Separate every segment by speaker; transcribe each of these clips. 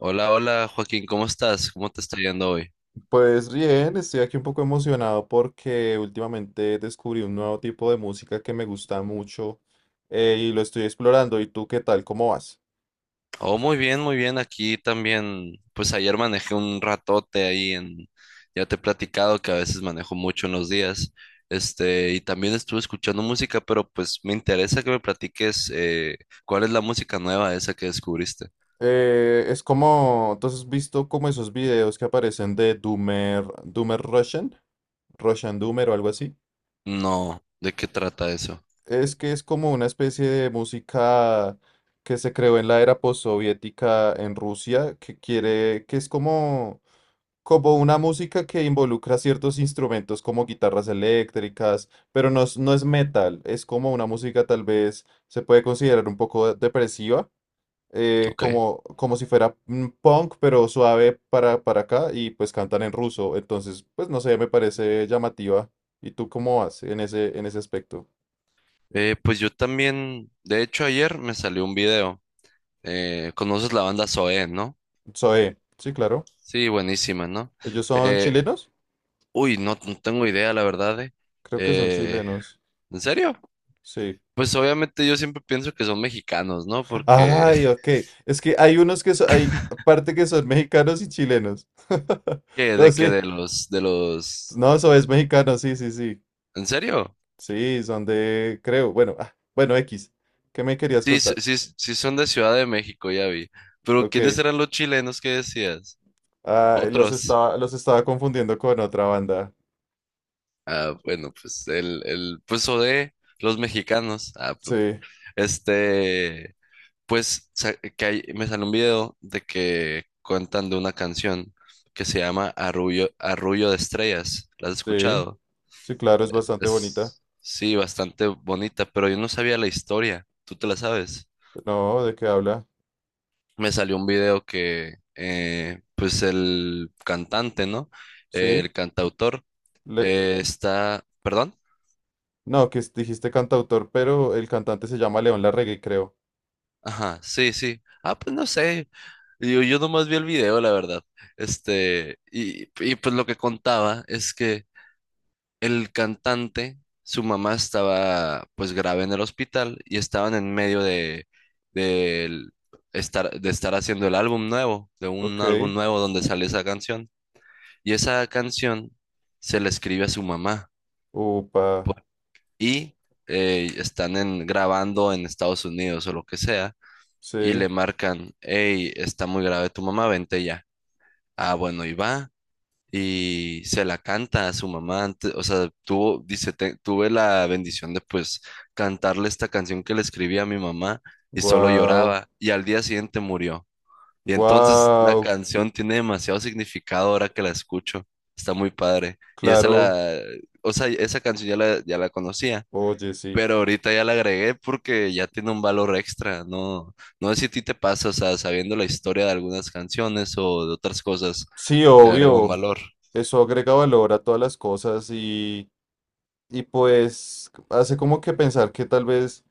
Speaker 1: Hola, hola Joaquín, ¿cómo estás? ¿Cómo te está yendo hoy?
Speaker 2: Pues bien, estoy aquí un poco emocionado porque últimamente descubrí un nuevo tipo de música que me gusta mucho y lo estoy explorando. ¿Y tú qué tal? ¿Cómo vas?
Speaker 1: Oh, muy bien, muy bien. Aquí también, pues ayer manejé un ratote ahí en, ya te he platicado que a veces manejo mucho en los días, y también estuve escuchando música, pero pues me interesa que me platiques cuál es la música nueva esa que descubriste.
Speaker 2: Es como, entonces, ¿has visto como esos videos que aparecen de Doomer, Doomer Russian? Russian Doomer o algo así.
Speaker 1: No, ¿de qué trata eso?
Speaker 2: Es que es como una especie de música que se creó en la era postsoviética en Rusia, que quiere, que es como una música que involucra ciertos instrumentos como guitarras eléctricas, pero no es, no es metal, es como una música tal vez se puede considerar un poco depresiva,
Speaker 1: Ok.
Speaker 2: como, como si fuera punk, pero suave para acá y pues cantan en ruso, entonces pues no sé, me parece llamativa. ¿Y tú cómo vas en ese aspecto?
Speaker 1: Pues yo también, de hecho ayer me salió un video. ¿Conoces la banda Zoé, no?
Speaker 2: Zoé, sí, claro.
Speaker 1: Sí, buenísima, ¿no?
Speaker 2: ¿Ellos son
Speaker 1: Eh,
Speaker 2: chilenos?
Speaker 1: Uy, no, no tengo idea, la verdad.
Speaker 2: Creo que son
Speaker 1: Eh,
Speaker 2: chilenos,
Speaker 1: ¿En serio?
Speaker 2: sí.
Speaker 1: Pues obviamente yo siempre pienso que son mexicanos, ¿no? Porque,
Speaker 2: Ay, ok. Es que hay unos que son, hay parte que son mexicanos y chilenos.
Speaker 1: ¿qué?
Speaker 2: No,
Speaker 1: ¿De que
Speaker 2: sí.
Speaker 1: de los, de los?
Speaker 2: No, eso es mexicano, sí, sí, sí.
Speaker 1: ¿En serio?
Speaker 2: Sí, son de, creo, bueno, ah, bueno, X. ¿Qué me querías
Speaker 1: Sí,
Speaker 2: contar?
Speaker 1: sí, sí son de Ciudad de México, ya vi. Pero
Speaker 2: Ok.
Speaker 1: ¿quiénes eran los chilenos que decías?
Speaker 2: Ah,
Speaker 1: Otros.
Speaker 2: los estaba confundiendo con otra banda.
Speaker 1: Ah, bueno, pues pues o de los mexicanos.
Speaker 2: Sí,
Speaker 1: Este... Pues me sale un video de que cuentan de una canción que se llama Arrullo, Arrullo de Estrellas. ¿La has
Speaker 2: sí,
Speaker 1: escuchado?
Speaker 2: sí, claro, es bastante bonita.
Speaker 1: Es, sí, bastante bonita, pero yo no sabía la historia. ¿Tú te la sabes?
Speaker 2: No, ¿de qué habla?
Speaker 1: Me salió un video que, pues el cantante, ¿no?
Speaker 2: Sí.
Speaker 1: El cantautor
Speaker 2: le-
Speaker 1: está, ¿perdón?
Speaker 2: no, que dijiste cantautor, pero el cantante se llama León Larregui, creo.
Speaker 1: Ajá, sí, sí. Ah, pues no sé. Yo nomás vi el video, la verdad. Y pues lo que contaba es que el cantante, su mamá estaba pues grave en el hospital y estaban en medio de el- de estar haciendo el álbum nuevo, de un
Speaker 2: Ok,
Speaker 1: álbum nuevo donde sale esa canción. Y esa canción se la escribe a su mamá.
Speaker 2: upa,
Speaker 1: pu- y están grabando en Estados Unidos o lo que sea y le
Speaker 2: sí,
Speaker 1: marcan, hey, está muy grave tu mamá, vente ya. Ah, bueno, y va. Y se la canta a su mamá antes, o sea, tuvo, dice: Tuve la bendición de pues cantarle esta canción que le escribí a mi mamá y solo
Speaker 2: guau,
Speaker 1: lloraba y al día siguiente murió". Y entonces la
Speaker 2: guau,
Speaker 1: canción tiene demasiado significado ahora que la escucho, está muy padre. Y esa
Speaker 2: claro,
Speaker 1: la, o sea, esa canción ya la, ya la conocía.
Speaker 2: oye, sí.
Speaker 1: Pero ahorita ya la agregué porque ya tiene un valor extra, ¿no? No sé si a ti te pasa, o sea, sabiendo la historia de algunas canciones o de otras cosas,
Speaker 2: Sí,
Speaker 1: le agrega un
Speaker 2: obvio,
Speaker 1: valor.
Speaker 2: eso agrega valor a todas las cosas, y pues hace como que pensar que tal vez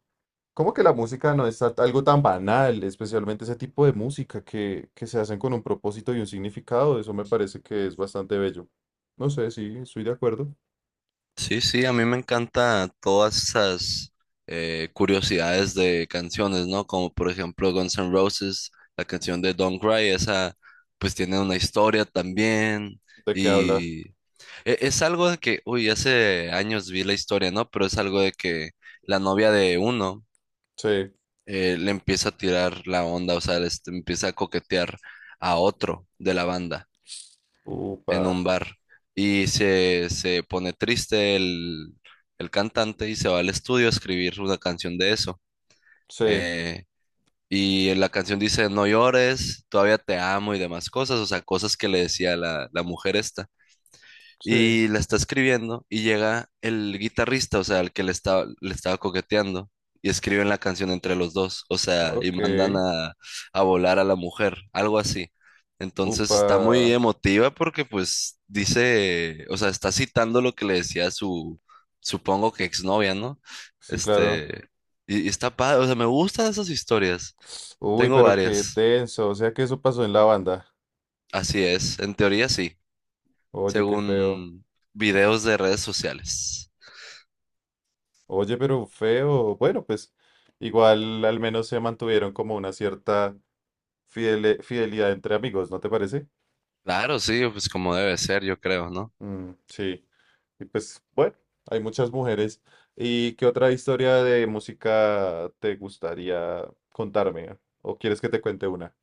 Speaker 2: como que la música no es algo tan banal, especialmente ese tipo de música que se hacen con un propósito y un significado. Eso me parece que es bastante bello. No sé, sí, estoy de acuerdo.
Speaker 1: Sí, sí, a mí me encanta todas esas curiosidades de canciones, ¿no? Como por ejemplo Guns N' Roses, la canción de Don't Cry, esa pues tiene una historia también.
Speaker 2: ¿De qué habla?
Speaker 1: Y es algo de que, uy, hace años vi la historia, ¿no? Pero es algo de que la novia de uno
Speaker 2: Sí,
Speaker 1: le empieza a tirar la onda, o sea, empieza a coquetear a otro de la banda en
Speaker 2: upa,
Speaker 1: un bar y se pone triste el cantante y se va al estudio a escribir una canción de eso.
Speaker 2: sí,
Speaker 1: Eh, y la canción dice: no llores, todavía te amo y demás cosas, o sea, cosas que le decía la, la mujer esta,
Speaker 2: sí,
Speaker 1: y la está escribiendo y llega el guitarrista, o sea, el que le estaba coqueteando, y escriben la canción entre los dos, o sea, y
Speaker 2: ok,
Speaker 1: mandan a volar a la mujer, algo así. Entonces
Speaker 2: upa,
Speaker 1: está muy emotiva porque pues dice, o sea, está citando lo que le decía su, supongo que exnovia, ¿no?
Speaker 2: sí, claro.
Speaker 1: Este, y está padre, o sea, me gustan esas historias.
Speaker 2: Uy,
Speaker 1: Tengo
Speaker 2: pero qué
Speaker 1: varias.
Speaker 2: denso, o sea que eso pasó en la banda.
Speaker 1: Así es, en teoría sí,
Speaker 2: Oye, qué feo.
Speaker 1: según videos de redes sociales.
Speaker 2: Oye, pero feo. Bueno, pues igual al menos se mantuvieron como una cierta fidelidad entre amigos, ¿no te parece?
Speaker 1: Claro, sí, pues como debe ser, yo creo, ¿no?
Speaker 2: Mm, sí, y pues bueno, hay muchas mujeres. ¿Y qué otra historia de música te gustaría contarme? ¿O quieres que te cuente una?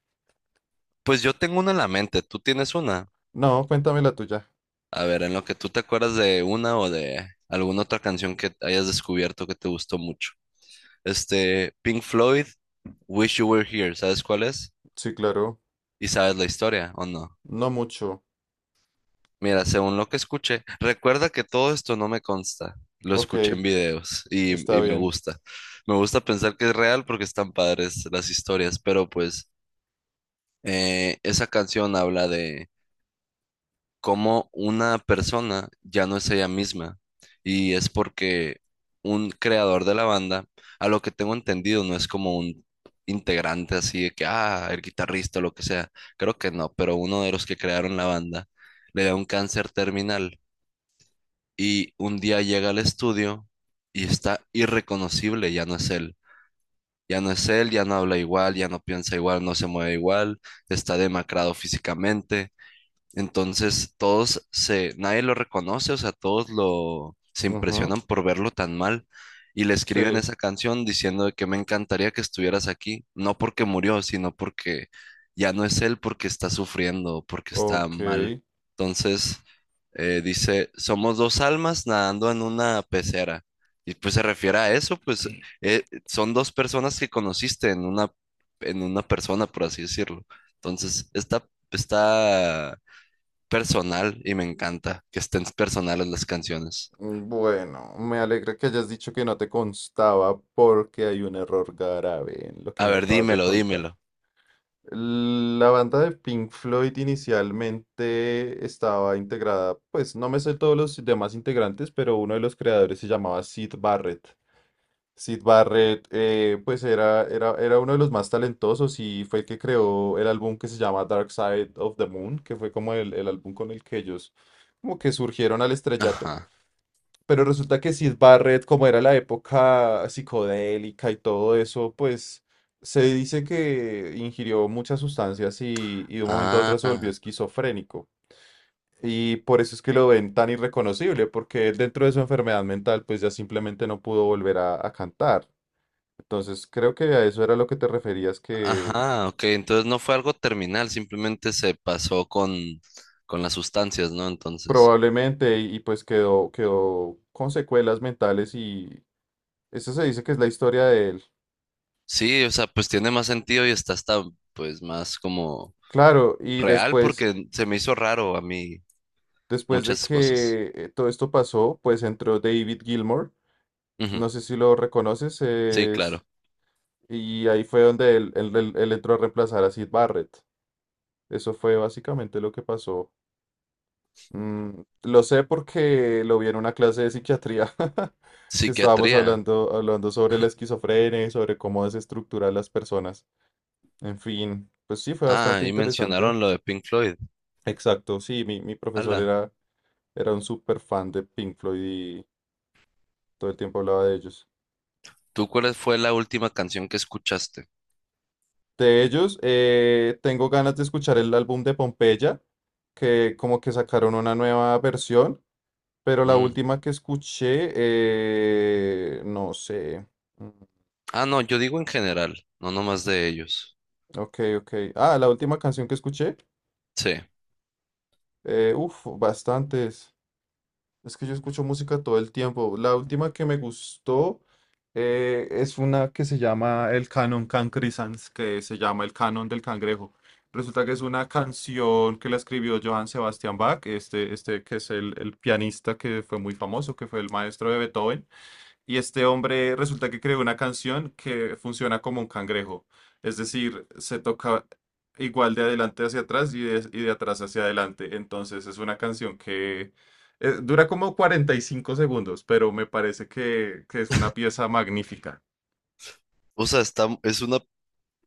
Speaker 1: Pues yo tengo una en la mente, ¿tú tienes una?
Speaker 2: No, cuéntame la tuya.
Speaker 1: A ver, en lo que tú te acuerdas de una o de alguna otra canción que hayas descubierto que te gustó mucho. Este, Pink Floyd, Wish You Were Here, ¿sabes cuál es?
Speaker 2: Sí, claro.
Speaker 1: ¿Y sabes la historia o no?
Speaker 2: No mucho.
Speaker 1: Mira, según lo que escuché, recuerda que todo esto no me consta, lo
Speaker 2: Ok,
Speaker 1: escuché en videos
Speaker 2: está
Speaker 1: y me
Speaker 2: bien.
Speaker 1: gusta. Me gusta pensar que es real porque están padres las historias, pero pues esa canción habla de cómo una persona ya no es ella misma. Y es porque un creador de la banda, a lo que tengo entendido, no es como un integrante así de que, ah, el guitarrista o lo que sea. Creo que no, pero uno de los que crearon la banda le da un cáncer terminal y un día llega al estudio y está irreconocible, ya no es él. Ya no es él, ya no habla igual, ya no piensa igual, no se mueve igual, está demacrado físicamente. Entonces, todos se, nadie lo reconoce, o sea, todos lo, se
Speaker 2: Ujú,
Speaker 1: impresionan por verlo tan mal y le escriben
Speaker 2: sí,
Speaker 1: esa canción diciendo de que me encantaría que estuvieras aquí, no porque murió, sino porque ya no es él porque está sufriendo, porque está
Speaker 2: ok.
Speaker 1: mal. Entonces, dice, somos dos almas nadando en una pecera. Y pues se refiere a eso, pues son dos personas que conociste en una persona, por así decirlo. Entonces, está, está personal y me encanta que estén personales las canciones.
Speaker 2: Bueno, me alegra que hayas dicho que no te constaba, porque hay un error grave en lo
Speaker 1: A
Speaker 2: que me
Speaker 1: ver,
Speaker 2: acabas de
Speaker 1: dímelo,
Speaker 2: contar.
Speaker 1: dímelo.
Speaker 2: La banda de Pink Floyd inicialmente estaba integrada, pues no me sé todos los demás integrantes, pero uno de los creadores se llamaba Sid Barrett. Sid Barrett, pues era uno de los más talentosos y fue el que creó el álbum que se llama Dark Side of the Moon, que fue como el álbum con el que ellos como que surgieron al estrellato.
Speaker 1: Ajá.
Speaker 2: Pero resulta que Sid Barrett, como era la época psicodélica y todo eso, pues se dice que ingirió muchas sustancias y de un momento a otro se volvió
Speaker 1: Ah,
Speaker 2: esquizofrénico. Y por eso es que lo ven tan irreconocible, porque él, dentro de su enfermedad mental, pues ya simplemente no pudo volver a cantar. Entonces creo que a eso era lo que te referías, que
Speaker 1: ajá, ok. Entonces no fue algo terminal, simplemente se pasó con las sustancias, ¿no? Entonces,
Speaker 2: probablemente y pues quedó con secuelas mentales y eso se dice que es la historia de él.
Speaker 1: sí, o sea, pues tiene más sentido y está hasta, pues, más como
Speaker 2: Claro, y
Speaker 1: real
Speaker 2: después
Speaker 1: porque se me hizo raro a mí
Speaker 2: Después de
Speaker 1: muchas cosas.
Speaker 2: que todo esto pasó, pues entró David Gilmour,
Speaker 1: Ujú,
Speaker 2: no sé si lo reconoces,
Speaker 1: sí, claro.
Speaker 2: y ahí fue donde él entró a reemplazar a Sid Barrett. Eso fue básicamente lo que pasó. Mm, lo sé porque lo vi en una clase de psiquiatría que estábamos
Speaker 1: Psiquiatría.
Speaker 2: hablando sobre la esquizofrenia y sobre cómo desestructurar las personas. En fin, pues sí, fue
Speaker 1: Ah,
Speaker 2: bastante
Speaker 1: y
Speaker 2: interesante.
Speaker 1: mencionaron lo de Pink Floyd.
Speaker 2: Exacto, sí, mi profesor
Speaker 1: Ala.
Speaker 2: era, era un súper fan de Pink Floyd y todo el tiempo hablaba de ellos.
Speaker 1: ¿Tú cuál fue la última canción que escuchaste?
Speaker 2: De ellos, tengo ganas de escuchar el álbum de Pompeya, que como que sacaron una nueva versión, pero la
Speaker 1: Mm.
Speaker 2: última que escuché, no sé. Mm,
Speaker 1: Ah, no, yo digo en general, no nomás de ellos.
Speaker 2: ok, ok. Ah, la última canción que escuché,
Speaker 1: Sí.
Speaker 2: uf, bastantes. Es que yo escucho música todo el tiempo. La última que me gustó es una que se llama el Canon Cancrisans, que se llama el Canon del Cangrejo. Resulta que es una canción que la escribió Johann Sebastian Bach, este que es el pianista que fue muy famoso, que fue el maestro de Beethoven. Y este hombre resulta que creó una canción que funciona como un cangrejo. Es decir, se toca igual de adelante hacia atrás, y de atrás hacia adelante. Entonces es una canción que dura como 45 segundos, pero me parece que es una pieza magnífica.
Speaker 1: O sea, está, es una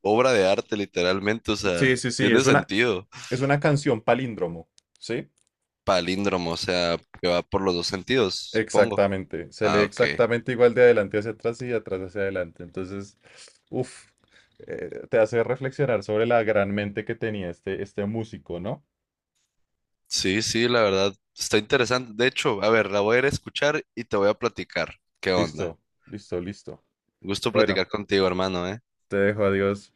Speaker 1: obra de arte literalmente, o sea,
Speaker 2: Sí, sí, sí,
Speaker 1: tiene sentido.
Speaker 2: es una canción palíndromo, ¿sí?
Speaker 1: Palíndromo, o sea, que va por los dos sentidos, supongo.
Speaker 2: Exactamente, se lee
Speaker 1: Ah, ok.
Speaker 2: exactamente igual de adelante hacia atrás y de atrás hacia adelante. Entonces, uff, te hace reflexionar sobre la gran mente que tenía este, este músico, ¿no?
Speaker 1: Sí, sí, la verdad, está interesante. De hecho, a ver, la voy a ir a escuchar y te voy a platicar. ¿Qué onda?
Speaker 2: Listo, listo, listo.
Speaker 1: Gusto
Speaker 2: Bueno,
Speaker 1: platicar contigo, hermano, ¿eh?
Speaker 2: te dejo, adiós.